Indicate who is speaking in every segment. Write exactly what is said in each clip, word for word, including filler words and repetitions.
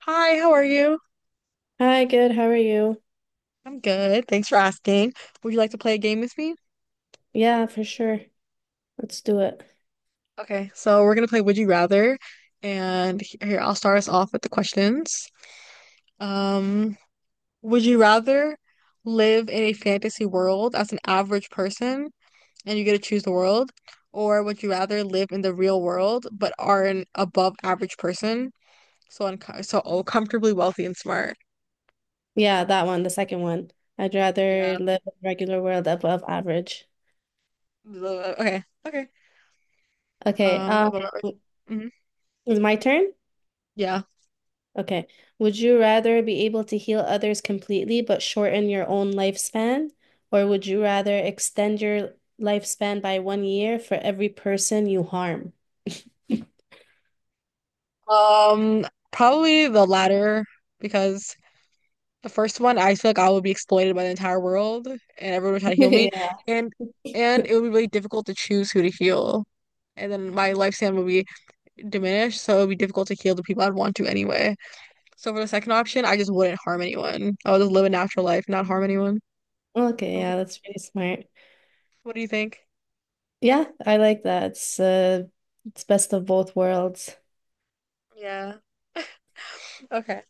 Speaker 1: Hi, how are you?
Speaker 2: Hi, good. How are you?
Speaker 1: I'm good. Thanks for asking. Would you like to play a game with me?
Speaker 2: Yeah, for sure. Let's do it.
Speaker 1: Okay, so we're gonna play Would You Rather, and he- here I'll start us off with the questions. Um, would you rather live in a fantasy world as an average person and you get to choose the world, or would you rather live in the real world but are an above average person, so unco so oh, comfortably wealthy and smart?
Speaker 2: Yeah, that one, the second one. I'd rather
Speaker 1: Yeah.
Speaker 2: live a regular world above average.
Speaker 1: The- Okay. Okay.
Speaker 2: Okay,
Speaker 1: Um, above
Speaker 2: um,
Speaker 1: average. Mhm.
Speaker 2: is my turn?
Speaker 1: Yeah.
Speaker 2: Okay. Would you rather be able to heal others completely but shorten your own lifespan, or would you rather extend your lifespan by one year for every person you harm?
Speaker 1: Um, probably the latter because the first one I feel like I would be exploited by the entire world and everyone would try to heal me
Speaker 2: Yeah.
Speaker 1: and and it would be really difficult to choose who to heal. And then my lifespan would be diminished, so it would be difficult to heal the people I'd want to anyway. So for the second option, I just wouldn't harm anyone. I would just live a natural life, not harm anyone.
Speaker 2: Okay,
Speaker 1: Probably.
Speaker 2: yeah, that's pretty smart.
Speaker 1: What do you think?
Speaker 2: Yeah, I like that. It's uh, it's best of both worlds.
Speaker 1: Yeah. Okay.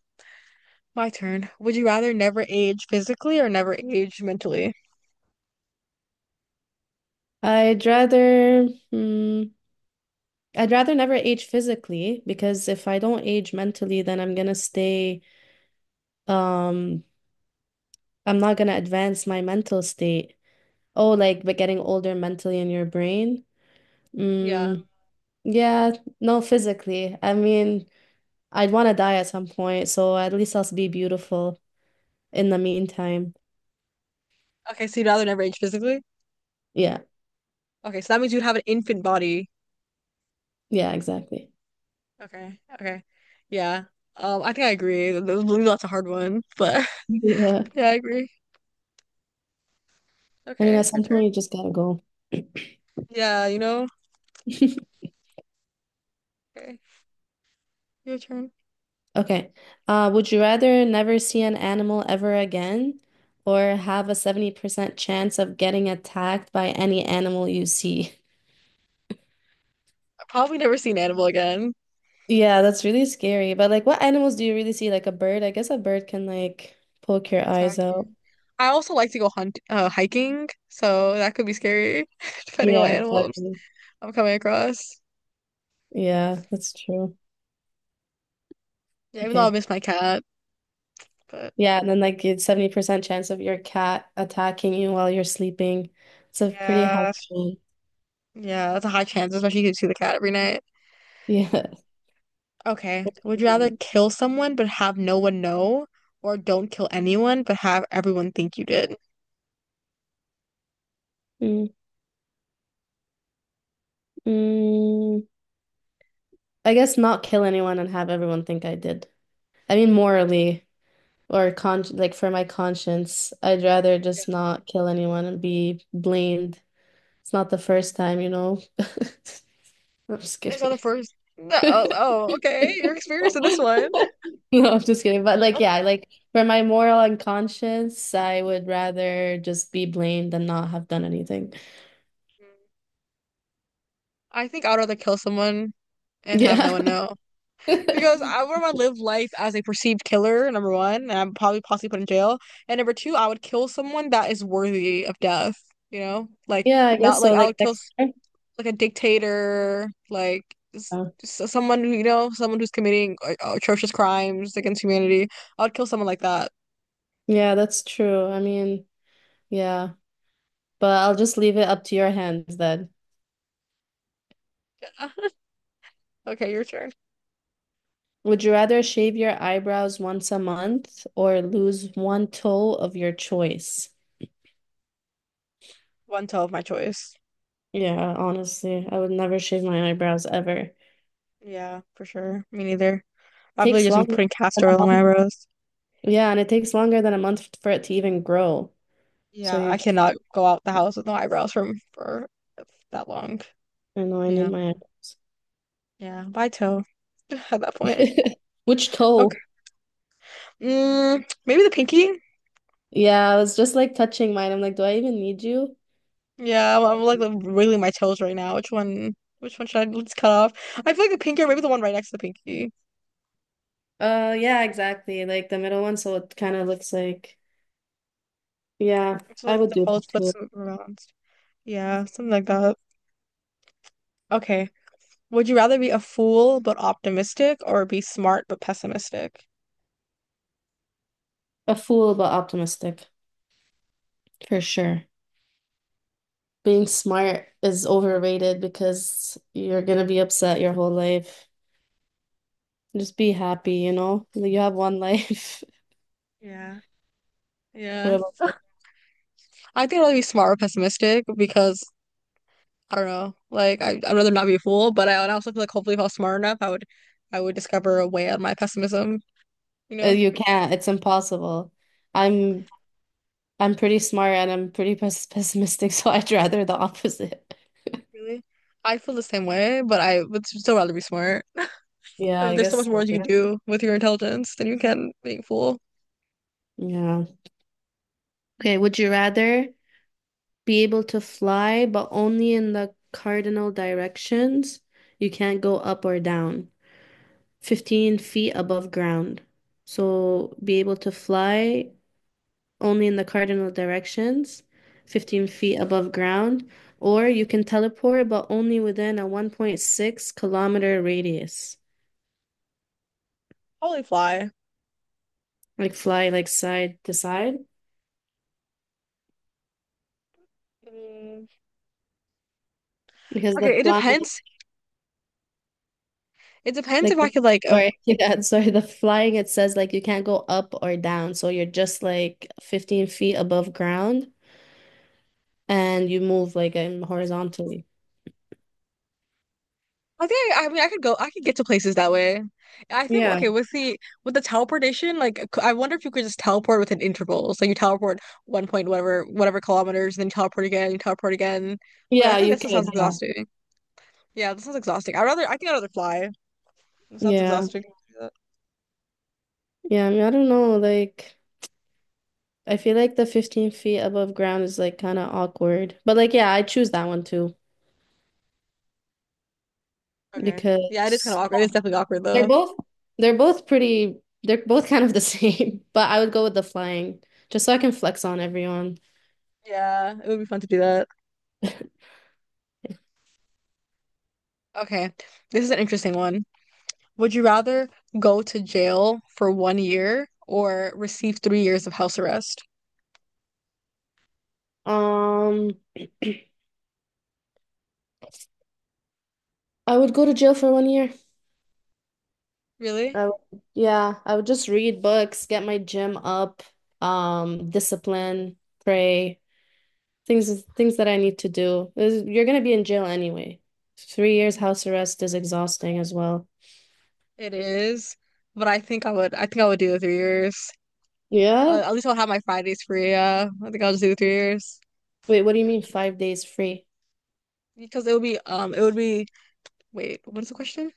Speaker 1: My turn. Would you rather never age physically or never age mentally?
Speaker 2: I'd rather mm, I'd rather never age physically because if I don't age mentally, then I'm gonna stay um I'm not gonna advance my mental state. Oh, like but getting older mentally in your brain.
Speaker 1: Yeah.
Speaker 2: Mm, yeah, no, physically. I mean, I'd want to die at some point, so at least I'll be beautiful in the meantime.
Speaker 1: Okay, so you'd rather never age physically?
Speaker 2: Yeah,
Speaker 1: Okay, so that means you'd have an infant body.
Speaker 2: yeah, exactly.
Speaker 1: Okay, okay. Yeah. Um, I think I agree. Th- th- That's a hard one, but
Speaker 2: Yeah.
Speaker 1: yeah, I agree.
Speaker 2: I mean, at
Speaker 1: Okay, your
Speaker 2: some
Speaker 1: turn.
Speaker 2: point you just gotta go.
Speaker 1: Yeah, you know. Okay, your turn.
Speaker 2: Okay. Uh, would you rather never see an animal ever again or have a seventy percent chance of getting attacked by any animal you see?
Speaker 1: I probably never see an animal again.
Speaker 2: Yeah, that's really scary. But like what animals do you really see? Like a bird? I guess a bird can like poke your eyes out.
Speaker 1: Attacking. I also like to go hunt uh hiking, so that could be scary depending on what
Speaker 2: Yeah,
Speaker 1: animals
Speaker 2: exactly.
Speaker 1: I'm coming across.
Speaker 2: Yeah, that's true.
Speaker 1: Yeah, even though I
Speaker 2: Okay.
Speaker 1: miss my cat, but
Speaker 2: Yeah, and then like it's seventy percent chance of your cat attacking you while you're sleeping. It's a pretty high
Speaker 1: yeah,
Speaker 2: one.
Speaker 1: yeah, that's a high chance, especially if you see the cat every night.
Speaker 2: Yeah.
Speaker 1: Okay. Would you rather kill someone but have no one know, or don't kill anyone but have everyone think you did?
Speaker 2: Mm. Mm, I guess not kill anyone and have everyone think I did. I mean, morally or con like for my conscience, I'd rather just not kill anyone and be blamed. It's not the first time, you know. I'm just
Speaker 1: I saw the
Speaker 2: kidding.
Speaker 1: first. That I was, oh, okay. You're experienced in this one.
Speaker 2: No, I'm just kidding. But like,
Speaker 1: Okay.
Speaker 2: yeah, like for my moral and conscience, I would rather just be blamed than not have done anything.
Speaker 1: I think I'd rather kill someone and have no
Speaker 2: Yeah.
Speaker 1: one know because I would want to live life as a perceived killer, number one, and I'm probably possibly put in jail. And number two, I would kill someone that is worthy of death. You know, like
Speaker 2: Yeah, I
Speaker 1: not
Speaker 2: guess
Speaker 1: like
Speaker 2: so.
Speaker 1: I
Speaker 2: Like
Speaker 1: would kill.
Speaker 2: next time.
Speaker 1: Like a dictator, like s-
Speaker 2: Oh.
Speaker 1: s- someone who, you know, someone who's committing uh, atrocious crimes against humanity. I would kill someone like that.
Speaker 2: Yeah, that's true. I mean, yeah, but I'll just leave it up to your hands then.
Speaker 1: Okay, your turn.
Speaker 2: Would you rather shave your eyebrows once a month or lose one toe of your choice?
Speaker 1: One toe of my choice.
Speaker 2: Yeah, honestly, I would never shave my eyebrows ever.
Speaker 1: Yeah, for sure. Me neither. I've really
Speaker 2: Takes
Speaker 1: just been
Speaker 2: longer
Speaker 1: putting
Speaker 2: than
Speaker 1: castor
Speaker 2: a
Speaker 1: oil on my
Speaker 2: month.
Speaker 1: eyebrows.
Speaker 2: Yeah, and it takes longer than a month for it to even grow. So
Speaker 1: Yeah,
Speaker 2: you're
Speaker 1: I
Speaker 2: just,
Speaker 1: cannot go out the house with no eyebrows from for that long.
Speaker 2: I know I need
Speaker 1: Yeah,
Speaker 2: my
Speaker 1: yeah. Bye toe. At that point.
Speaker 2: eyebrows. Which
Speaker 1: Okay.
Speaker 2: toe?
Speaker 1: Mm, maybe the pinky.
Speaker 2: Yeah, I was just like touching mine. I'm like, do I even need you?
Speaker 1: Yeah, I'm, I'm like wiggling my toes right now. Which one? Which one should I just cut off? I feel like the pinky, or maybe the one right next to the pinky.
Speaker 2: Uh, yeah, exactly. Like the middle one, so it kind of looks like, yeah,
Speaker 1: It's
Speaker 2: I
Speaker 1: like
Speaker 2: would
Speaker 1: the
Speaker 2: do
Speaker 1: false
Speaker 2: that
Speaker 1: flips
Speaker 2: too.
Speaker 1: around. Yeah, something like that. Okay. Would you rather be a fool but optimistic, or be smart but pessimistic?
Speaker 2: A fool but optimistic, for sure. Being smart is overrated because you're gonna be upset your whole life. Just be happy, you know? Like, you have one life.
Speaker 1: Yeah.
Speaker 2: What
Speaker 1: Yeah.
Speaker 2: about you?
Speaker 1: I think I'd rather be smart or pessimistic because I don't know. Like I, I'd rather not be a fool, but I, I also feel like hopefully if I was smart enough, I would, I would discover a way out of my pessimism. You
Speaker 2: Uh,
Speaker 1: know,
Speaker 2: You can't. It's impossible. I'm I'm pretty smart and I'm pretty pes pessimistic, so I'd rather the opposite.
Speaker 1: really, I feel the same way, but I would still rather be smart.
Speaker 2: Yeah,
Speaker 1: I mean,
Speaker 2: I
Speaker 1: there's so much
Speaker 2: guess
Speaker 1: more
Speaker 2: so.
Speaker 1: you can
Speaker 2: Like-
Speaker 1: do with your intelligence than you can being a fool.
Speaker 2: Yeah. Okay, would you rather be able to fly but only in the cardinal directions? You can't go up or down. fifteen feet above ground. So be able to fly only in the cardinal directions, fifteen feet above ground, or you can teleport, but only within a one point six kilometer radius.
Speaker 1: Probably fly.
Speaker 2: Like fly like side to side
Speaker 1: Mm,
Speaker 2: because the
Speaker 1: Okay, it
Speaker 2: flying
Speaker 1: depends. It depends
Speaker 2: like
Speaker 1: if I could like. Uh,
Speaker 2: sorry yeah sorry the flying it says like you can't go up or down so you're just like fifteen feet above ground and you move like um, horizontally.
Speaker 1: I think I, I mean I could go. I could get to places that way. I think
Speaker 2: Yeah.
Speaker 1: okay with the with the teleportation. Like c- I wonder if you could just teleport within intervals. Like you teleport one point whatever whatever kilometers, then teleport again, you teleport again. But I
Speaker 2: Yeah,
Speaker 1: feel like
Speaker 2: you
Speaker 1: that still sounds
Speaker 2: could. Yeah.
Speaker 1: exhausting. Yeah, that sounds exhausting. I'd rather. I think I'd rather fly. It sounds
Speaker 2: Yeah.
Speaker 1: exhausting. To
Speaker 2: Yeah, I mean, I don't know. Like, I feel like the fifteen feet above ground is like kind of awkward. But like, yeah, I choose that one too
Speaker 1: Okay. Yeah, it is kind of
Speaker 2: because
Speaker 1: awkward. It is definitely awkward
Speaker 2: they're
Speaker 1: though.
Speaker 2: both they're both pretty they're both kind of the same, but I would go with the flying just so I can flex on everyone.
Speaker 1: Yeah, it would be fun to do that. Okay, this is an interesting one. Would you rather go to jail for one year or receive three years of house arrest?
Speaker 2: Um, I would go to jail for one year.
Speaker 1: Really?
Speaker 2: I would, yeah, I would just read books, get my gym up, um, discipline, pray. Things things that I need to do. Is- You're gonna be in jail anyway. Three years house arrest is exhausting as well.
Speaker 1: It is. But I think I would I think I would do the three years.
Speaker 2: Yeah?
Speaker 1: Uh, at least I'll have my Fridays free. Yeah, I think I'll just do the three years
Speaker 2: Wait, what do you mean five days free?
Speaker 1: because it would be um it would be wait, what is the question?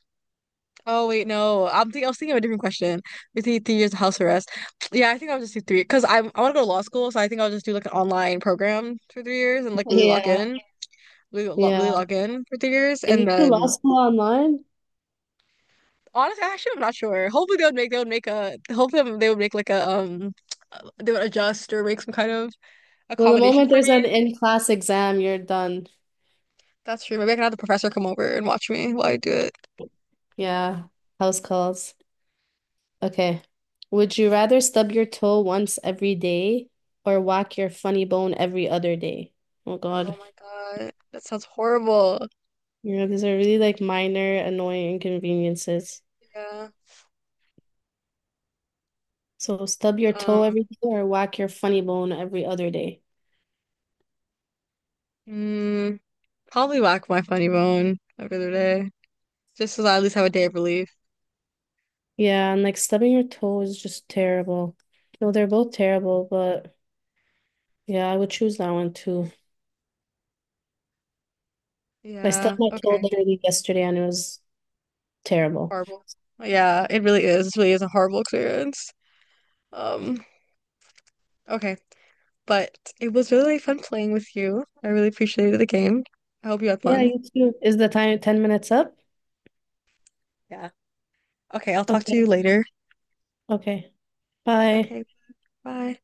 Speaker 1: Oh, wait, no, I'm thinking I was thinking of a different question. We see three years of house arrest. Yeah, I think I'll just do three because I I want to go to law school, so I think I'll just do like an online program for three years and like really lock
Speaker 2: Yeah,
Speaker 1: in. really, lo- really
Speaker 2: yeah.
Speaker 1: lock in for three years,
Speaker 2: Can
Speaker 1: and
Speaker 2: you do law
Speaker 1: then
Speaker 2: school online?
Speaker 1: honestly, actually, I'm not sure. Hopefully, they would make they would make a hopefully they would make like a um they would adjust or make some kind of
Speaker 2: Well, the
Speaker 1: accommodation
Speaker 2: moment
Speaker 1: for
Speaker 2: there's
Speaker 1: me.
Speaker 2: an in-class exam, you're done.
Speaker 1: That's true. Maybe I can have the professor come over and watch me while I do it.
Speaker 2: Yeah, house calls. Okay. Would you rather stub your toe once every day or whack your funny bone every other day? Oh
Speaker 1: Oh
Speaker 2: God.
Speaker 1: my God, that sounds horrible.
Speaker 2: Yeah, these are really like minor annoying inconveniences.
Speaker 1: Yeah.
Speaker 2: So stub your toe
Speaker 1: Um.
Speaker 2: every day or whack your funny bone every other day.
Speaker 1: mm, probably whack my funny bone every other day, just so that I at least have a day of relief.
Speaker 2: Yeah, and like stubbing your toe is just terrible. No, they're both terrible, but yeah, I would choose that one too. I stubbed
Speaker 1: Yeah.
Speaker 2: my toe
Speaker 1: Okay.
Speaker 2: literally yesterday and it was terrible.
Speaker 1: Horrible. Yeah, it really is. It really is a horrible experience. Um. Okay. But it was really fun playing with you. I really appreciated the game. I hope you had
Speaker 2: Yeah,
Speaker 1: fun.
Speaker 2: you too. Is the time ten minutes up?
Speaker 1: Yeah. Okay, I'll talk to
Speaker 2: Okay,
Speaker 1: you later.
Speaker 2: okay. Bye.
Speaker 1: Okay, bye.